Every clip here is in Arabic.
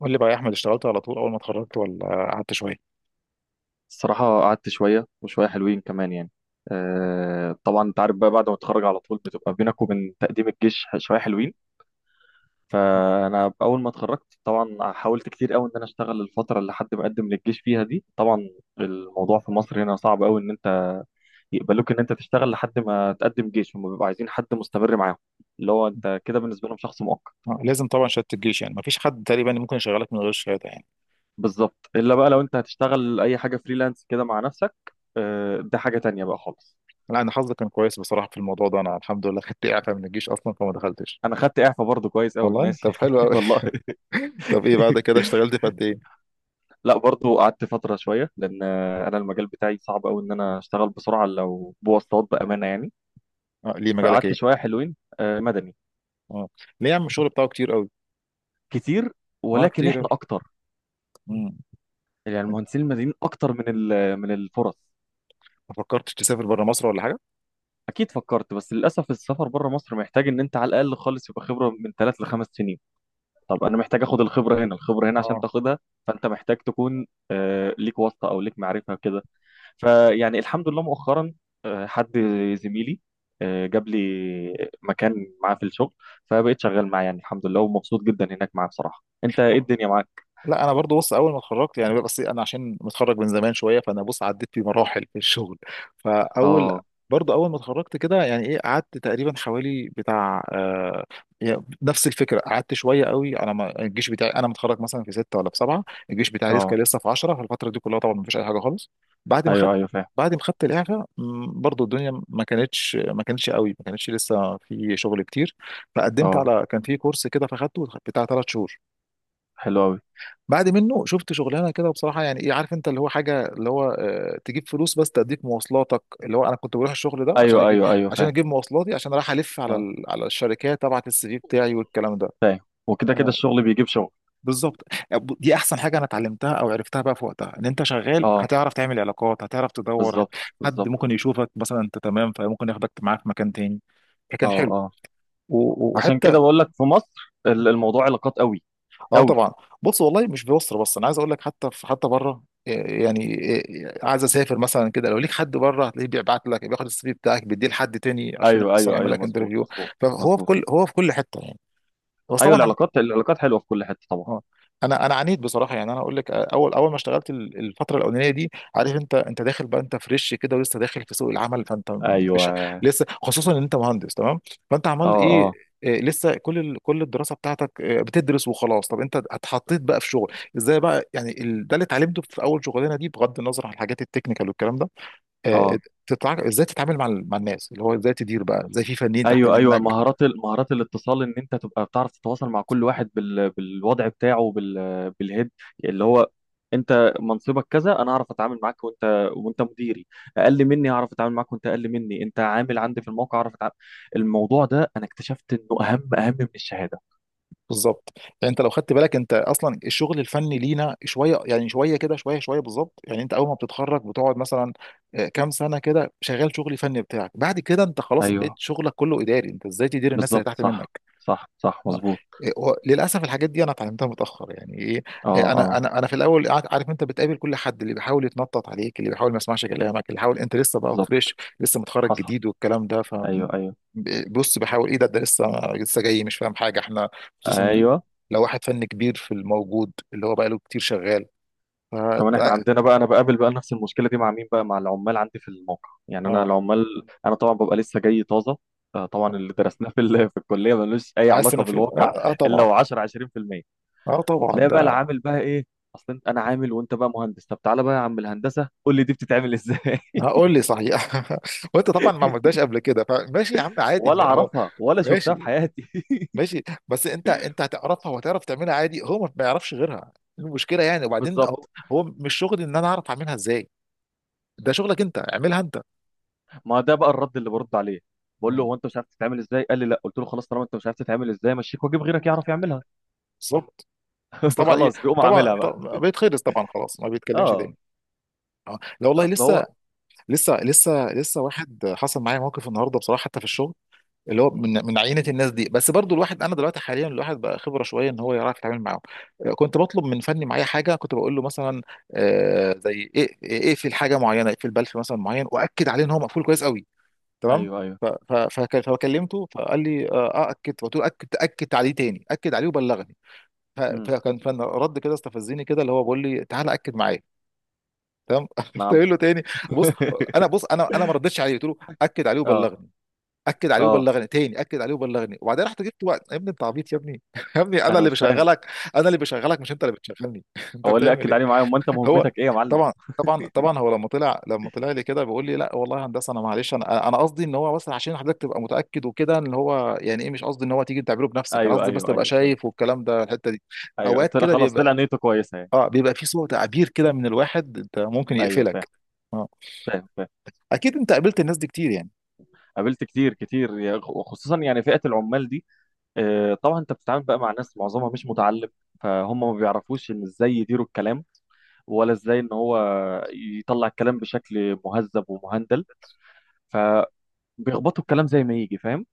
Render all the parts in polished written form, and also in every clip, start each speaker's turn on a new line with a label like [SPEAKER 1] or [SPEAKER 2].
[SPEAKER 1] قول لي بقى يا احمد، اشتغلت على طول اول ما اتخرجت ولا قعدت شويه؟
[SPEAKER 2] الصراحة قعدت شوية وشوية حلوين كمان يعني. آه طبعا انت عارف بقى، بعد ما اتخرج على طول بتبقى بينك وبين تقديم الجيش شوية حلوين. فأنا أول ما اتخرجت طبعا حاولت كتير قوي إن أنا أشتغل الفترة اللي حد مقدم للجيش فيها دي. طبعا الموضوع في مصر هنا صعب قوي، إن أنت يقبلوك إن أنت تشتغل لحد ما تقدم جيش، هم بيبقوا عايزين حد مستمر معاهم، اللي هو أنت كده بالنسبة لهم شخص مؤقت.
[SPEAKER 1] لازم طبعا شهاده الجيش، يعني ما فيش حد تقريبا ممكن يشغلك من غير شهاده يعني.
[SPEAKER 2] بالظبط، إلا بقى
[SPEAKER 1] آه.
[SPEAKER 2] لو أنت هتشتغل أي حاجة فريلانس كده مع نفسك. آه ده حاجة تانية بقى خالص.
[SPEAKER 1] لا انا حظي كان كويس بصراحه في الموضوع ده، انا الحمد لله خدت اعفاء من الجيش اصلا فما دخلتش.
[SPEAKER 2] انا خدت اعفاء برضو كويس قوي،
[SPEAKER 1] والله
[SPEAKER 2] ماشي
[SPEAKER 1] طب حلو قوي.
[SPEAKER 2] والله.
[SPEAKER 1] طب ايه بعد كده اشتغلت في قد ايه؟
[SPEAKER 2] لا برضو قعدت فتره شويه، لان انا المجال بتاعي صعب قوي ان انا اشتغل بسرعه لو بواسطات، بامانه يعني.
[SPEAKER 1] اه ليه مجالك
[SPEAKER 2] فقعدت
[SPEAKER 1] ايه؟
[SPEAKER 2] شويه حلوين. آه، مدني.
[SPEAKER 1] اه ليه يا عم الشغل بتاعه كتير قوي؟
[SPEAKER 2] كتير،
[SPEAKER 1] اه
[SPEAKER 2] ولكن
[SPEAKER 1] كتير
[SPEAKER 2] احنا
[SPEAKER 1] قوي.
[SPEAKER 2] اكتر.
[SPEAKER 1] مم.
[SPEAKER 2] يعني المهندسين المدنيين اكتر من من الفرص.
[SPEAKER 1] ما فكرتش تسافر بره مصر ولا حاجه؟
[SPEAKER 2] اكيد فكرت، بس للاسف السفر بره مصر محتاج ان انت على الاقل خالص يبقى خبره من ثلاث لخمس سنين. طب انا محتاج اخد الخبره هنا، الخبره هنا عشان
[SPEAKER 1] اه
[SPEAKER 2] تاخدها فانت محتاج تكون، ليك واسطه او ليك معرفه كده. فيعني الحمد لله مؤخرا حد، زميلي، جاب لي مكان معاه في الشغل. فبقيت شغال معاه يعني الحمد لله ومبسوط جدا هناك معاه بصراحة. انت ايه الدنيا معاك؟
[SPEAKER 1] لا انا برضو بص، اول ما اتخرجت يعني، بس انا عشان متخرج من زمان شويه، فانا بص عديت في مراحل في الشغل. فاول
[SPEAKER 2] اه
[SPEAKER 1] برضو اول ما اتخرجت كده يعني ايه، قعدت تقريبا حوالي بتاع يعني نفس الفكره، قعدت شويه قوي، انا ما الجيش بتاعي انا متخرج مثلا في سته ولا في سبعه. الجيش بتاعي لسه
[SPEAKER 2] اه.
[SPEAKER 1] كان في 10، فالفتره دي كلها طبعا ما فيش اي حاجه خالص. بعد ما
[SPEAKER 2] ايوه
[SPEAKER 1] خدت
[SPEAKER 2] ايوه فاهم.
[SPEAKER 1] بعد ما خدت الاعفاء برضو الدنيا ما كانتش قوي، ما كانتش لسه في شغل كتير. فقدمت
[SPEAKER 2] اه
[SPEAKER 1] على كان في كورس كده فاخدته بتاع ثلاث شهور.
[SPEAKER 2] حلو قوي.
[SPEAKER 1] بعد منه شفت شغلانه كده بصراحه يعني ايه، عارف انت اللي هو حاجه اللي هو تجيب فلوس بس تديك مواصلاتك، اللي هو انا كنت بروح الشغل ده
[SPEAKER 2] ايوه ايوه ايوه
[SPEAKER 1] عشان
[SPEAKER 2] فاهم.
[SPEAKER 1] اجيب مواصلاتي، عشان رايح الف على
[SPEAKER 2] اه
[SPEAKER 1] على الشركات ابعت السي في بتاعي والكلام ده.
[SPEAKER 2] فاهم. وكده كده
[SPEAKER 1] آه،
[SPEAKER 2] الشغل بيجيب شغل.
[SPEAKER 1] بالظبط. دي احسن حاجه انا اتعلمتها او عرفتها بقى في وقتها، ان انت شغال
[SPEAKER 2] اه
[SPEAKER 1] هتعرف تعمل علاقات، هتعرف تدور
[SPEAKER 2] بالظبط
[SPEAKER 1] حد
[SPEAKER 2] بالظبط.
[SPEAKER 1] ممكن يشوفك مثلا انت تمام فممكن ياخدك معاه في مكان تاني،
[SPEAKER 2] اه
[SPEAKER 1] فكان حلو.
[SPEAKER 2] اه. عشان
[SPEAKER 1] وحتى
[SPEAKER 2] كده بقول لك في مصر الموضوع علاقات قوي
[SPEAKER 1] اه
[SPEAKER 2] قوي.
[SPEAKER 1] طبعا. بص والله مش في مصر بس، انا عايز اقول لك حتى في حتى بره إيه يعني، إيه عايز اسافر مثلا كده، لو ليك حد بره هتلاقيه بيبعت لك، بياخد السي في بتاعك بيديه لحد تاني عشان
[SPEAKER 2] ايوه
[SPEAKER 1] مثلا
[SPEAKER 2] ايوه
[SPEAKER 1] يعمل
[SPEAKER 2] ايوه
[SPEAKER 1] لك
[SPEAKER 2] مظبوط
[SPEAKER 1] انترفيو.
[SPEAKER 2] مظبوط
[SPEAKER 1] فهو في
[SPEAKER 2] مظبوط.
[SPEAKER 1] كل هو في كل حته يعني. بس
[SPEAKER 2] ايوه
[SPEAKER 1] طبعا
[SPEAKER 2] العلاقات العلاقات حلوة في كل حتة طبعا.
[SPEAKER 1] اه. انا عانيت بصراحه، يعني انا اقول لك اول ما اشتغلت الفتره الاولانيه دي، عارف انت داخل بقى، انت فريش كده ولسه داخل في سوق العمل، فانت
[SPEAKER 2] ايوه
[SPEAKER 1] مش
[SPEAKER 2] اه.
[SPEAKER 1] لسه، خصوصا ان انت مهندس، تمام؟ فانت عمال ايه،
[SPEAKER 2] آه.
[SPEAKER 1] إيه، لسه كل الدراسه بتاعتك إيه، بتدرس وخلاص. طب انت اتحطيت بقى في شغل ازاي بقى، يعني ده اللي اتعلمته في اول شغلانه دي بغض النظر عن الحاجات التكنيكال والكلام ده. آه،
[SPEAKER 2] اه.
[SPEAKER 1] ازاي تتعامل مع مع الناس، اللي هو ازاي تدير بقى، ازاي في فنيين تحت
[SPEAKER 2] ايوه ايوه
[SPEAKER 1] منك.
[SPEAKER 2] مهارات مهارات الاتصال، ان انت تبقى بتعرف تتواصل مع كل واحد بالوضع بتاعه بالهيد، اللي هو انت منصبك كذا انا هعرف اتعامل معاك، وانت وانت مديري اقل مني هعرف اتعامل معاك، وانت اقل مني انت عامل عندي في الموقع هعرف اتعامل. الموضوع ده انا اكتشفت انه اهم اهم من الشهادة.
[SPEAKER 1] بالظبط، يعني انت لو خدت بالك، انت اصلا الشغل الفني لينا شويه، يعني شويه كده، شويه شويه، بالظبط، يعني انت اول ما بتتخرج بتقعد مثلا آه، كام سنه كده شغال شغل فني بتاعك، بعد كده انت خلاص بقيت
[SPEAKER 2] ايوه
[SPEAKER 1] شغلك كله اداري، انت ازاي تدير الناس اللي
[SPEAKER 2] بالظبط
[SPEAKER 1] تحت
[SPEAKER 2] صح.
[SPEAKER 1] منك.
[SPEAKER 2] صح صح
[SPEAKER 1] نعم.
[SPEAKER 2] مظبوط.
[SPEAKER 1] إيه، هو للاسف الحاجات دي انا اتعلمتها متاخر يعني ايه،
[SPEAKER 2] اه
[SPEAKER 1] إيه، انا
[SPEAKER 2] اه.
[SPEAKER 1] انا انا في الاول عارف انت بتقابل كل حد اللي بيحاول يتنطط عليك، اللي بيحاول ما يسمعش كلامك، اللي بيحاول انت لسه بقى
[SPEAKER 2] بالظبط.
[SPEAKER 1] فريش لسه متخرج
[SPEAKER 2] حصل.
[SPEAKER 1] جديد والكلام ده، ف
[SPEAKER 2] ايوه ايوه
[SPEAKER 1] بص بحاول ايه ده ده لسه، لسه جاي مش فاهم حاجه احنا، خصوصا
[SPEAKER 2] ايوه.
[SPEAKER 1] لو واحد فن كبير في الموجود اللي هو بقى له كتير شغال ف
[SPEAKER 2] كمان احنا عندنا بقى، انا بقابل بقى نفس المشكله دي مع مين بقى؟ مع العمال عندي في الموقع يعني. انا
[SPEAKER 1] اه.
[SPEAKER 2] العمال، انا طبعا ببقى لسه جاي طازه. آه، طبعا
[SPEAKER 1] آه.
[SPEAKER 2] اللي درسناه في في الكليه ملوش اي
[SPEAKER 1] عايز
[SPEAKER 2] علاقه
[SPEAKER 1] تنفيذ
[SPEAKER 2] بالواقع.
[SPEAKER 1] اه آه،
[SPEAKER 2] الا
[SPEAKER 1] طبعا.
[SPEAKER 2] هو 10 20%.
[SPEAKER 1] اه طبعا
[SPEAKER 2] تلاقي بقى
[SPEAKER 1] ده.
[SPEAKER 2] العامل بقى ايه؟ اصل انت، انا عامل وانت بقى مهندس، طب تعالى بقى يا عم الهندسه قول لي دي بتتعمل ازاي؟
[SPEAKER 1] هقول لي صحيح وانت طبعا ما عملتهاش قبل كده، فماشي يا عم
[SPEAKER 2] ولا
[SPEAKER 1] عادي اهو.
[SPEAKER 2] اعرفها ولا شفتها
[SPEAKER 1] ماشي
[SPEAKER 2] في حياتي.
[SPEAKER 1] ماشي. بس انت، انت هتعرفها وهتعرف تعملها عادي، هو ما بيعرفش غيرها. المشكله يعني، وبعدين هو،
[SPEAKER 2] بالظبط.
[SPEAKER 1] هو مش شغلي ان انا اعرف اعملها ازاي، ده شغلك انت اعملها انت.
[SPEAKER 2] ما ده بقى الرد اللي برد عليه. بقول له
[SPEAKER 1] مم.
[SPEAKER 2] هو، انت مش عارف تتعمل ازاي؟ قال لي لا. قلت له خلاص، طالما انت مش عارف تتعمل ازاي، مشيك واجيب غيرك يعرف يعملها.
[SPEAKER 1] بالظبط. بس طبعا ايه،
[SPEAKER 2] فخلاص بيقوم
[SPEAKER 1] طبعا
[SPEAKER 2] عاملها بقى.
[SPEAKER 1] طبعا بيتخلص طبعا، خلاص ما بيتكلمش
[SPEAKER 2] اه.
[SPEAKER 1] تاني. اه لا والله
[SPEAKER 2] اصل هو.
[SPEAKER 1] لسه، لسه واحد حصل معايا موقف النهارده بصراحه حتى في الشغل، اللي هو
[SPEAKER 2] مم.
[SPEAKER 1] من من عينه الناس دي، بس برضو الواحد انا دلوقتي حاليا الواحد بقى خبره شويه ان هو يعرف يتعامل معاهم. آه، كنت بطلب من فني معايا حاجه، كنت بقول له مثلا آه، زي ايه، ايه في الحاجه معينه، اقفل بلف مثلا معين واكد عليه ان هو مقفول كويس قوي، تمام؟
[SPEAKER 2] ايوه ايوه.
[SPEAKER 1] فكلمته فقال لي اه آه، اكد، فقلت له اكد، اكد عليه تاني اكد عليه وبلغني.
[SPEAKER 2] امم.
[SPEAKER 1] فكان فن رد كده استفزني كده، اللي هو بيقول لي تعالى اكد معايا، تمام قلت له
[SPEAKER 2] نعم.
[SPEAKER 1] إيه تاني، بص انا ما ردتش عليه، قلت له اكد عليه
[SPEAKER 2] اه
[SPEAKER 1] وبلغني، اكد عليه
[SPEAKER 2] اه.
[SPEAKER 1] وبلغني تاني اكد عليه وبلغني، وبعدين رحت جبت وقت يا ابني انت عبيط يا ابني يا ابني انا
[SPEAKER 2] انا
[SPEAKER 1] اللي
[SPEAKER 2] مش فاهم.
[SPEAKER 1] بشغلك، مش انت اللي بتشغلني انت
[SPEAKER 2] هو اللي
[SPEAKER 1] بتعمل
[SPEAKER 2] اكد
[SPEAKER 1] ايه؟
[SPEAKER 2] عليه معايا؟ امال انت
[SPEAKER 1] هو
[SPEAKER 2] مهمتك ايه يا معلم؟
[SPEAKER 1] طبعا طبعا هو لما طلع لي كده بيقول لي لا والله يا هندسه انا معلش، انا قصدي ان هو بس عشان حضرتك تبقى متاكد وكده ان هو يعني ايه، مش قصدي ان هو تيجي تعمله بنفسك، انا
[SPEAKER 2] ايوه
[SPEAKER 1] قصدي بس
[SPEAKER 2] ايوه
[SPEAKER 1] تبقى
[SPEAKER 2] ايوه فهمت.
[SPEAKER 1] شايف والكلام ده، الحته دي
[SPEAKER 2] ايوه
[SPEAKER 1] اوقات
[SPEAKER 2] طلع
[SPEAKER 1] كده
[SPEAKER 2] خلاص، طلع
[SPEAKER 1] بيبقى
[SPEAKER 2] نيته كويسه يعني.
[SPEAKER 1] اه بيبقى في صوت تعبير كده من الواحد انت ممكن
[SPEAKER 2] ايوه فاهم.
[SPEAKER 1] يقفلك. اه
[SPEAKER 2] فاهم فاهم.
[SPEAKER 1] اكيد انت قابلت الناس دي كتير يعني.
[SPEAKER 2] قابلت كتير كتير يا- وخصوصا يعني فئه العمال دي. آه، طبعا انت بتتعامل بقى مع ناس معظمها مش متعلم. فهم ما بيعرفوش ان ازاي يديروا الكلام، ولا ازاي ان هو يطلع الكلام بشكل مهذب ومهندل. فبيخبطوا الكلام زي ما يجي، فاهم؟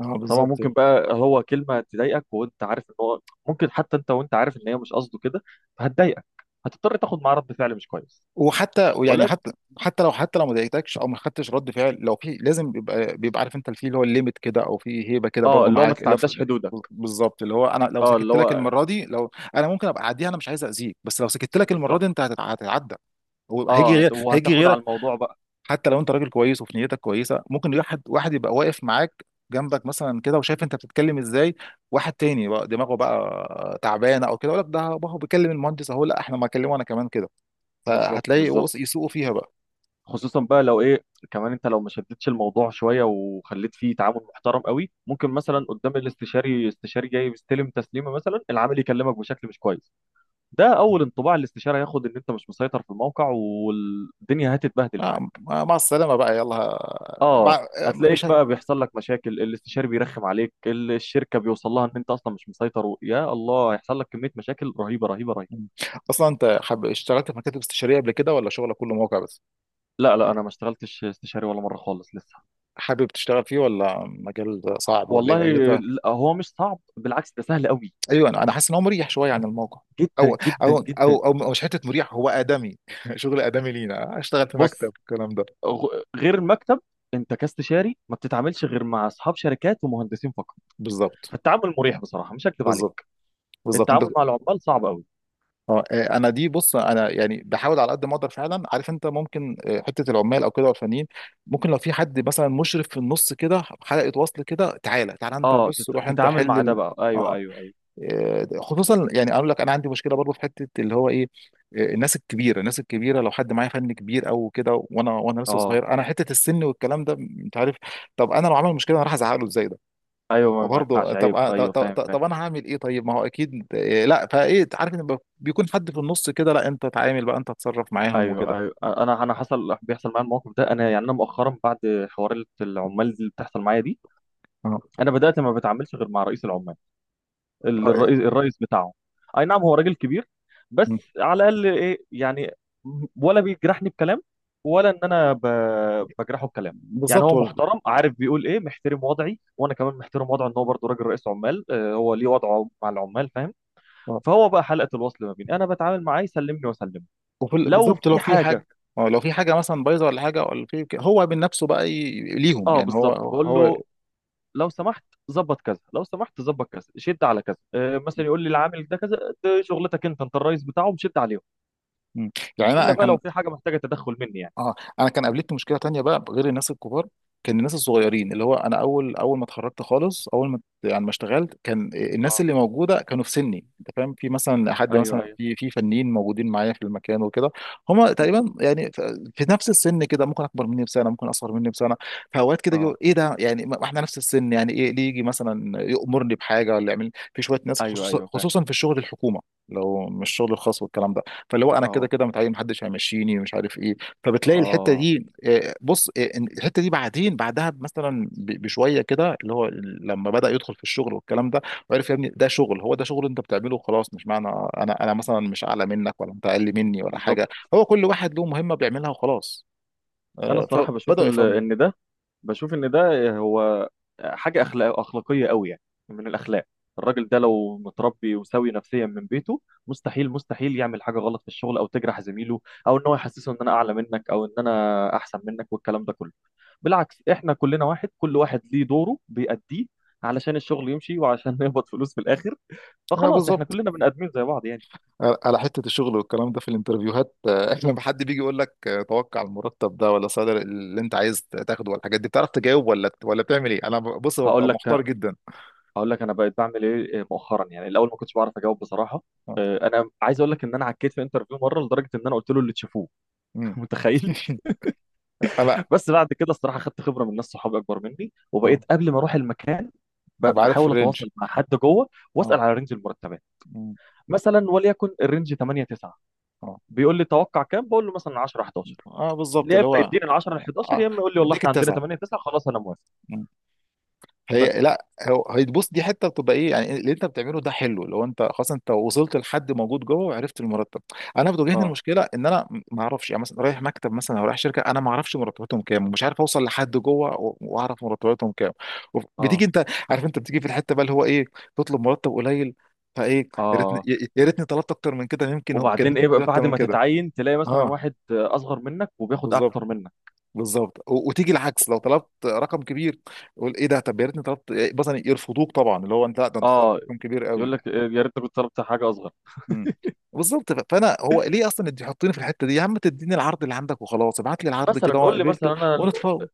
[SPEAKER 1] اه
[SPEAKER 2] طبعا
[SPEAKER 1] بالظبط.
[SPEAKER 2] ممكن بقى هو كلمة تضايقك، وانت عارف ان هو ممكن حتى، انت وانت عارف ان هي مش قصده كده، فهتضايقك، هتضطر تاخد معاه رد فعل مش كويس.
[SPEAKER 1] وحتى يعني
[SPEAKER 2] ولكن.
[SPEAKER 1] حتى، حتى لو ما ضايقتكش او ما خدتش رد فعل، لو في لازم بيبقى، بيبقى عارف انت في اللي هو الليميت كده او في هيبه كده
[SPEAKER 2] اه
[SPEAKER 1] برضو
[SPEAKER 2] اللي هو ما
[SPEAKER 1] معاك اللي هو في-
[SPEAKER 2] تتعداش حدودك.
[SPEAKER 1] بالظبط، اللي هو انا لو
[SPEAKER 2] اه اللي
[SPEAKER 1] سكت لك
[SPEAKER 2] هو
[SPEAKER 1] المره دي، لو انا ممكن ابقى اعديها انا مش عايز اذيك، بس لو سكت لك المره
[SPEAKER 2] بالظبط.
[SPEAKER 1] دي انت هتتعدى. هو هيجي
[SPEAKER 2] اه
[SPEAKER 1] غير
[SPEAKER 2] هت...
[SPEAKER 1] هيجي
[SPEAKER 2] وهتاخد على
[SPEAKER 1] غيرك.
[SPEAKER 2] الموضوع بقى.
[SPEAKER 1] حتى لو انت راجل كويس وفي نيتك كويسه، ممكن واحد يبقى واقف معاك جنبك مثلا كده وشايف انت بتتكلم ازاي، واحد تاني بقى دماغه بقى تعبانه او كده يقول لك ده هو بيكلم المهندس اهو، لا احنا ما كلمه انا كمان كده،
[SPEAKER 2] بالظبط
[SPEAKER 1] فهتلاقي
[SPEAKER 2] بالظبط.
[SPEAKER 1] يسوقوا فيها بقى.
[SPEAKER 2] خصوصا بقى لو ايه، كمان انت لو ما شدتش الموضوع شوية وخليت فيه تعامل محترم قوي، ممكن مثلا قدام الاستشاري، استشاري جاي بيستلم تسليمة مثلا، العامل يكلمك بشكل مش كويس. ده اول انطباع الاستشاري هياخد ان انت مش مسيطر في الموقع، والدنيا هتتبهدل
[SPEAKER 1] نعم.
[SPEAKER 2] معاك.
[SPEAKER 1] آه، مع السلامة بقى يلا
[SPEAKER 2] اه.
[SPEAKER 1] بقى.
[SPEAKER 2] هتلاقيك
[SPEAKER 1] مش هي...
[SPEAKER 2] بقى بيحصل لك مشاكل، الاستشاري بيرخم عليك، الشركه بيوصل لها ان انت اصلا مش مسيطر و... يا الله هيحصل لك كميه مشاكل رهيبه رهيبه رهيبه.
[SPEAKER 1] أصلا أنت اشتغلت في مكاتب استشارية قبل كده ولا شغلك كله موقع بس؟
[SPEAKER 2] لا انا ما اشتغلتش استشاري ولا مره خالص لسه.
[SPEAKER 1] حابب تشتغل فيه، ولا مجال صعب، ولا إيه،
[SPEAKER 2] والله.
[SPEAKER 1] ولا أنت؟
[SPEAKER 2] لا، هو مش صعب، بالعكس ده سهل قوي.
[SPEAKER 1] أيوه، أنا حاسس إن هو مريح شوية عن الموقع. أو
[SPEAKER 2] جدا جدا جدا.
[SPEAKER 1] مش حتة مريح، هو آدمي شغل آدمي لينا أشتغل في مكتب
[SPEAKER 2] بص،
[SPEAKER 1] الكلام ده.
[SPEAKER 2] غير المكتب، انت كاستشاري ما بتتعاملش غير مع اصحاب شركات ومهندسين فقط.
[SPEAKER 1] بالظبط
[SPEAKER 2] فالتعامل مريح بصراحه مش هكذب
[SPEAKER 1] بالظبط
[SPEAKER 2] عليك.
[SPEAKER 1] بالظبط. أنت
[SPEAKER 2] التعامل مع العمال صعب قوي.
[SPEAKER 1] اه آه، انا دي بص انا يعني بحاول على قد ما اقدر فعلا، عارف انت ممكن آه، حته العمال او كده والفنيين، ممكن لو في حد مثلا مشرف في النص كده حلقه وصل كده، تعالى انت
[SPEAKER 2] اه
[SPEAKER 1] بص
[SPEAKER 2] تت-
[SPEAKER 1] روح انت
[SPEAKER 2] تتعامل
[SPEAKER 1] حل
[SPEAKER 2] مع ده بقى. ايوه
[SPEAKER 1] اه
[SPEAKER 2] ايوه ايوه.
[SPEAKER 1] آه، خصوصا يعني اقول لك انا عندي مشكله برضو في حته اللي هو ايه، آه، الناس الكبيره لو حد معايا فن كبير او كده، وانا لسه
[SPEAKER 2] اه
[SPEAKER 1] صغير، انا حته السن والكلام ده انت عارف. طب انا لو عمل مشكله انا راح ازعق له ازاي؟
[SPEAKER 2] ايوه ما
[SPEAKER 1] برضه
[SPEAKER 2] ينفعش
[SPEAKER 1] طب
[SPEAKER 2] عيب.
[SPEAKER 1] آه،
[SPEAKER 2] ايوه فاهم فاهم.
[SPEAKER 1] طب انا هعمل ايه طيب، ما هو اكيد إيه لا، فايه عارف ان بيكون حد في النص كده، لا انت تعامل بقى، انت تتصرف معاهم وكده.
[SPEAKER 2] ايوه ايوه انا حصل، بيحصل معايا الموقف ده. انا يعني انا مؤخرا، بعد حوار العمال اللي بتحصل معايا دي،
[SPEAKER 1] اه
[SPEAKER 2] انا بدات ما بتعاملش غير مع رئيس العمال، ال-
[SPEAKER 1] آه،
[SPEAKER 2] الرئيس الرئيس بتاعهم. اي نعم هو راجل كبير،
[SPEAKER 1] م.
[SPEAKER 2] بس على الاقل ايه يعني، ولا بيجرحني بكلام، ولا ان انا ب... بجرحه بكلام. يعني
[SPEAKER 1] بالظبط
[SPEAKER 2] هو
[SPEAKER 1] والله.
[SPEAKER 2] محترم، عارف بيقول ايه، محترم وضعي وانا كمان محترم وضعه، ان هو برضه راجل رئيس عمال. آه، هو ليه وضعه مع العمال، فاهم؟
[SPEAKER 1] اه
[SPEAKER 2] فهو بقى حلقه الوصل، ما بيني انا بتعامل معاه يسلمني واسلمه.
[SPEAKER 1] وفي
[SPEAKER 2] لو
[SPEAKER 1] بالظبط لو
[SPEAKER 2] في
[SPEAKER 1] في
[SPEAKER 2] حاجه.
[SPEAKER 1] حاجه، اه لو في حاجه مثلا بايظه ولا حاجه ولا في هو من نفسه بقى ي... ليهم
[SPEAKER 2] اه
[SPEAKER 1] يعني هو
[SPEAKER 2] بالظبط، بقول
[SPEAKER 1] هو
[SPEAKER 2] له لو سمحت ظبط كذا، لو سمحت ظبط كذا، شد على كذا، آه مثلا يقول لي العامل ده كذا، ده شغلتك انت، انت الرئيس بتاعه شد عليهم.
[SPEAKER 1] م. يعني
[SPEAKER 2] الا
[SPEAKER 1] انا
[SPEAKER 2] بقى لو
[SPEAKER 1] كان
[SPEAKER 2] في حاجه محتاجه تدخل مني يعني.
[SPEAKER 1] اه انا كان قابلتني مشكله تانية بقى غير الناس الكبار، كان الناس الصغيرين، اللي هو انا اول ما اتخرجت خالص، اول ما يعني ما اشتغلت، كان الناس
[SPEAKER 2] اه
[SPEAKER 1] اللي موجوده كانوا في سني انت فاهم، في مثلا حد
[SPEAKER 2] ايوه
[SPEAKER 1] مثلا
[SPEAKER 2] ايوه.
[SPEAKER 1] في فنيين موجودين معايا في المكان وكده، هم
[SPEAKER 2] مم.
[SPEAKER 1] تقريبا يعني في نفس السن كده، ممكن اكبر مني بسنه، ممكن اصغر مني بسنه. فاوقات كده
[SPEAKER 2] اه
[SPEAKER 1] يقول ايه ده يعني، ما احنا نفس السن يعني ايه، ليه يجي مثلا يامرني بحاجه، ولا يعمل في شويه ناس،
[SPEAKER 2] ايوه
[SPEAKER 1] خصوصا
[SPEAKER 2] ايوه فاهم.
[SPEAKER 1] خصوصا في الشغل الحكومه، لو مش الشغل الخاص والكلام ده، فاللي هو انا كده
[SPEAKER 2] اه
[SPEAKER 1] كده متعين، محدش هيمشيني مش عارف ايه. فبتلاقي الحته
[SPEAKER 2] اه
[SPEAKER 1] دي آه، بص آه، إن الحته دي بعدين بعدها مثلا بشويه كده اللي هو لما بدا يدخل في الشغل والكلام ده، وعرف يا ابني ده شغل، هو ده شغل انت بتعمله وخلاص، مش معنى انا مثلا مش اعلى منك ولا انت اقل مني ولا
[SPEAKER 2] بالظبط.
[SPEAKER 1] حاجه، هو كل واحد له مهمه بيعملها وخلاص.
[SPEAKER 2] انا
[SPEAKER 1] آه،
[SPEAKER 2] الصراحه بشوف
[SPEAKER 1] فبداوا
[SPEAKER 2] ال-
[SPEAKER 1] يفهموا.
[SPEAKER 2] ان ده، بشوف ان ده هو حاجه اخلاق اخلاقيه قوي يعني، من الاخلاق. الراجل ده لو متربي وسوي نفسيا من بيته، مستحيل مستحيل يعمل حاجه غلط في الشغل او تجرح زميله، او ان هو يحسسه ان انا اعلى منك، او ان انا احسن منك والكلام ده كله. بالعكس، احنا كلنا واحد، كل واحد ليه دوره بيأديه علشان الشغل يمشي، وعشان نقبض فلوس في الاخر.
[SPEAKER 1] آه،
[SPEAKER 2] فخلاص احنا
[SPEAKER 1] بالظبط.
[SPEAKER 2] كلنا بني ادمين زي بعض يعني.
[SPEAKER 1] آه، على حته الشغل والكلام ده في الانترفيوهات آه، لما حد بيجي يقول لك آه، توقع المرتب ده، ولا صدر اللي انت عايز تاخده والحاجات دي، بتعرف تجاوب ولا، بتعمل ايه؟ انا بص ببقى
[SPEAKER 2] هقول لك
[SPEAKER 1] محتار جدا
[SPEAKER 2] هقول لك انا بقيت بعمل ايه مؤخرا. يعني الاول ما كنتش بعرف اجاوب بصراحه.
[SPEAKER 1] آه،
[SPEAKER 2] آه، انا عايز اقول لك ان انا عكيت في انترفيو مره، لدرجه ان انا قلت له اللي تشوفوه.
[SPEAKER 1] مم.
[SPEAKER 2] متخيل.
[SPEAKER 1] آه لا.
[SPEAKER 2] بس بعد كده الصراحه خدت خبره من ناس صحابي اكبر مني،
[SPEAKER 1] اه
[SPEAKER 2] وبقيت قبل ما اروح المكان
[SPEAKER 1] ابقى عارف
[SPEAKER 2] بحاول
[SPEAKER 1] الرينج.
[SPEAKER 2] اتواصل مع حد جوه، واسال
[SPEAKER 1] اه
[SPEAKER 2] على رينج المرتبات،
[SPEAKER 1] مم.
[SPEAKER 2] مثلا وليكن الرينج 8 9.
[SPEAKER 1] اه
[SPEAKER 2] بيقول لي توقع كام؟ بقول له مثلا 10 11.
[SPEAKER 1] اه بالظبط
[SPEAKER 2] يا اما
[SPEAKER 1] اللي هو
[SPEAKER 2] يديني ال 10 ال 11،
[SPEAKER 1] آه.
[SPEAKER 2] يا اما يقول لي والله
[SPEAKER 1] يديك
[SPEAKER 2] احنا عندنا
[SPEAKER 1] التسعه.
[SPEAKER 2] 8 9 خلاص انا موافق.
[SPEAKER 1] مم.
[SPEAKER 2] بس.
[SPEAKER 1] هي لا هو هيتبص، دي حته بتبقى ايه يعني، اللي انت بتعمله ده حلو لو انت خلاص انت وصلت لحد موجود جوه وعرفت المرتب. انا بتواجهني
[SPEAKER 2] اه
[SPEAKER 1] المشكله ان انا ما اعرفش، يعني مثلا رايح مكتب مثلا او رايح شركه، انا ما اعرفش مرتباتهم كام، ومش عارف اوصل لحد جوه واعرف مرتباتهم كام.
[SPEAKER 2] اه
[SPEAKER 1] بتيجي انت عارف، انت بتيجي في الحته بقى اللي هو ايه، تطلب مرتب قليل، فايه يا ريتني
[SPEAKER 2] اه.
[SPEAKER 1] يا ريتني طلبت اكتر من كده، يمكن كان
[SPEAKER 2] وبعدين
[SPEAKER 1] ممكن
[SPEAKER 2] ايه بقى
[SPEAKER 1] يدوني اكتر
[SPEAKER 2] بعد
[SPEAKER 1] من
[SPEAKER 2] ما
[SPEAKER 1] كده.
[SPEAKER 2] تتعين، تلاقي مثلا
[SPEAKER 1] اه
[SPEAKER 2] واحد اصغر منك وبياخد
[SPEAKER 1] بالظبط
[SPEAKER 2] اكتر منك.
[SPEAKER 1] بالظبط. وتيجي العكس لو طلبت رقم كبير، يقول ايه ده، طب يا ريتني طلبت إيه، مثلا يرفضوك طبعا، اللي هو انت لا ده انت طلبت
[SPEAKER 2] اه.
[SPEAKER 1] رقم كبير قوي.
[SPEAKER 2] يقول لك آه، يا ريتك كنت طلبت حاجه اصغر.
[SPEAKER 1] امم. بالظبط. فانا هو ليه اصلا انت تحطيني في الحته دي يا عم، تديني العرض اللي عندك وخلاص، ابعت لي العرض كده
[SPEAKER 2] مثلا
[SPEAKER 1] وانا
[SPEAKER 2] قول لي
[SPEAKER 1] قبلته
[SPEAKER 2] مثلا
[SPEAKER 1] ونتفاوض.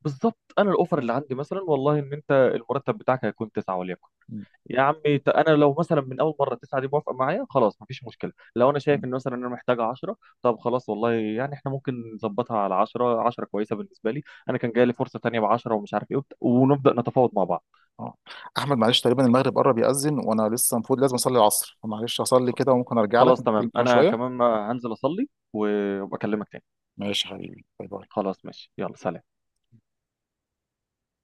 [SPEAKER 2] بالظبط، انا الاوفر اللي
[SPEAKER 1] مم.
[SPEAKER 2] عندي مثلا والله ان انت المرتب بتاعك هيكون 9 وليكن.
[SPEAKER 1] مم.
[SPEAKER 2] يا عمي ت- انا لو مثلا من اول مره 9 دي موافقه معايا خلاص مفيش مشكله. لو انا شايف
[SPEAKER 1] مم.
[SPEAKER 2] ان مثلا انا محتاجه 10، طب خلاص والله يعني احنا ممكن نظبطها على 10، 10 كويسه بالنسبه لي. انا كان جاي لي فرصه تانيه ب 10 ومش عارف ايه، وبت- ونبدا نتفاوض مع بعض.
[SPEAKER 1] اه احمد معلش تقريبا المغرب قرب يأذن، وانا لسه المفروض لازم اصلي العصر، فمعلش اصلي كده وممكن ارجع لك
[SPEAKER 2] خلاص
[SPEAKER 1] نتكلم
[SPEAKER 2] تمام،
[SPEAKER 1] كمان
[SPEAKER 2] انا
[SPEAKER 1] شويه.
[SPEAKER 2] كمان هنزل اصلي وابقى اكلمك تاني.
[SPEAKER 1] ماشي يا حبيبي، باي باي.
[SPEAKER 2] خلاص ماشي يلا سلام.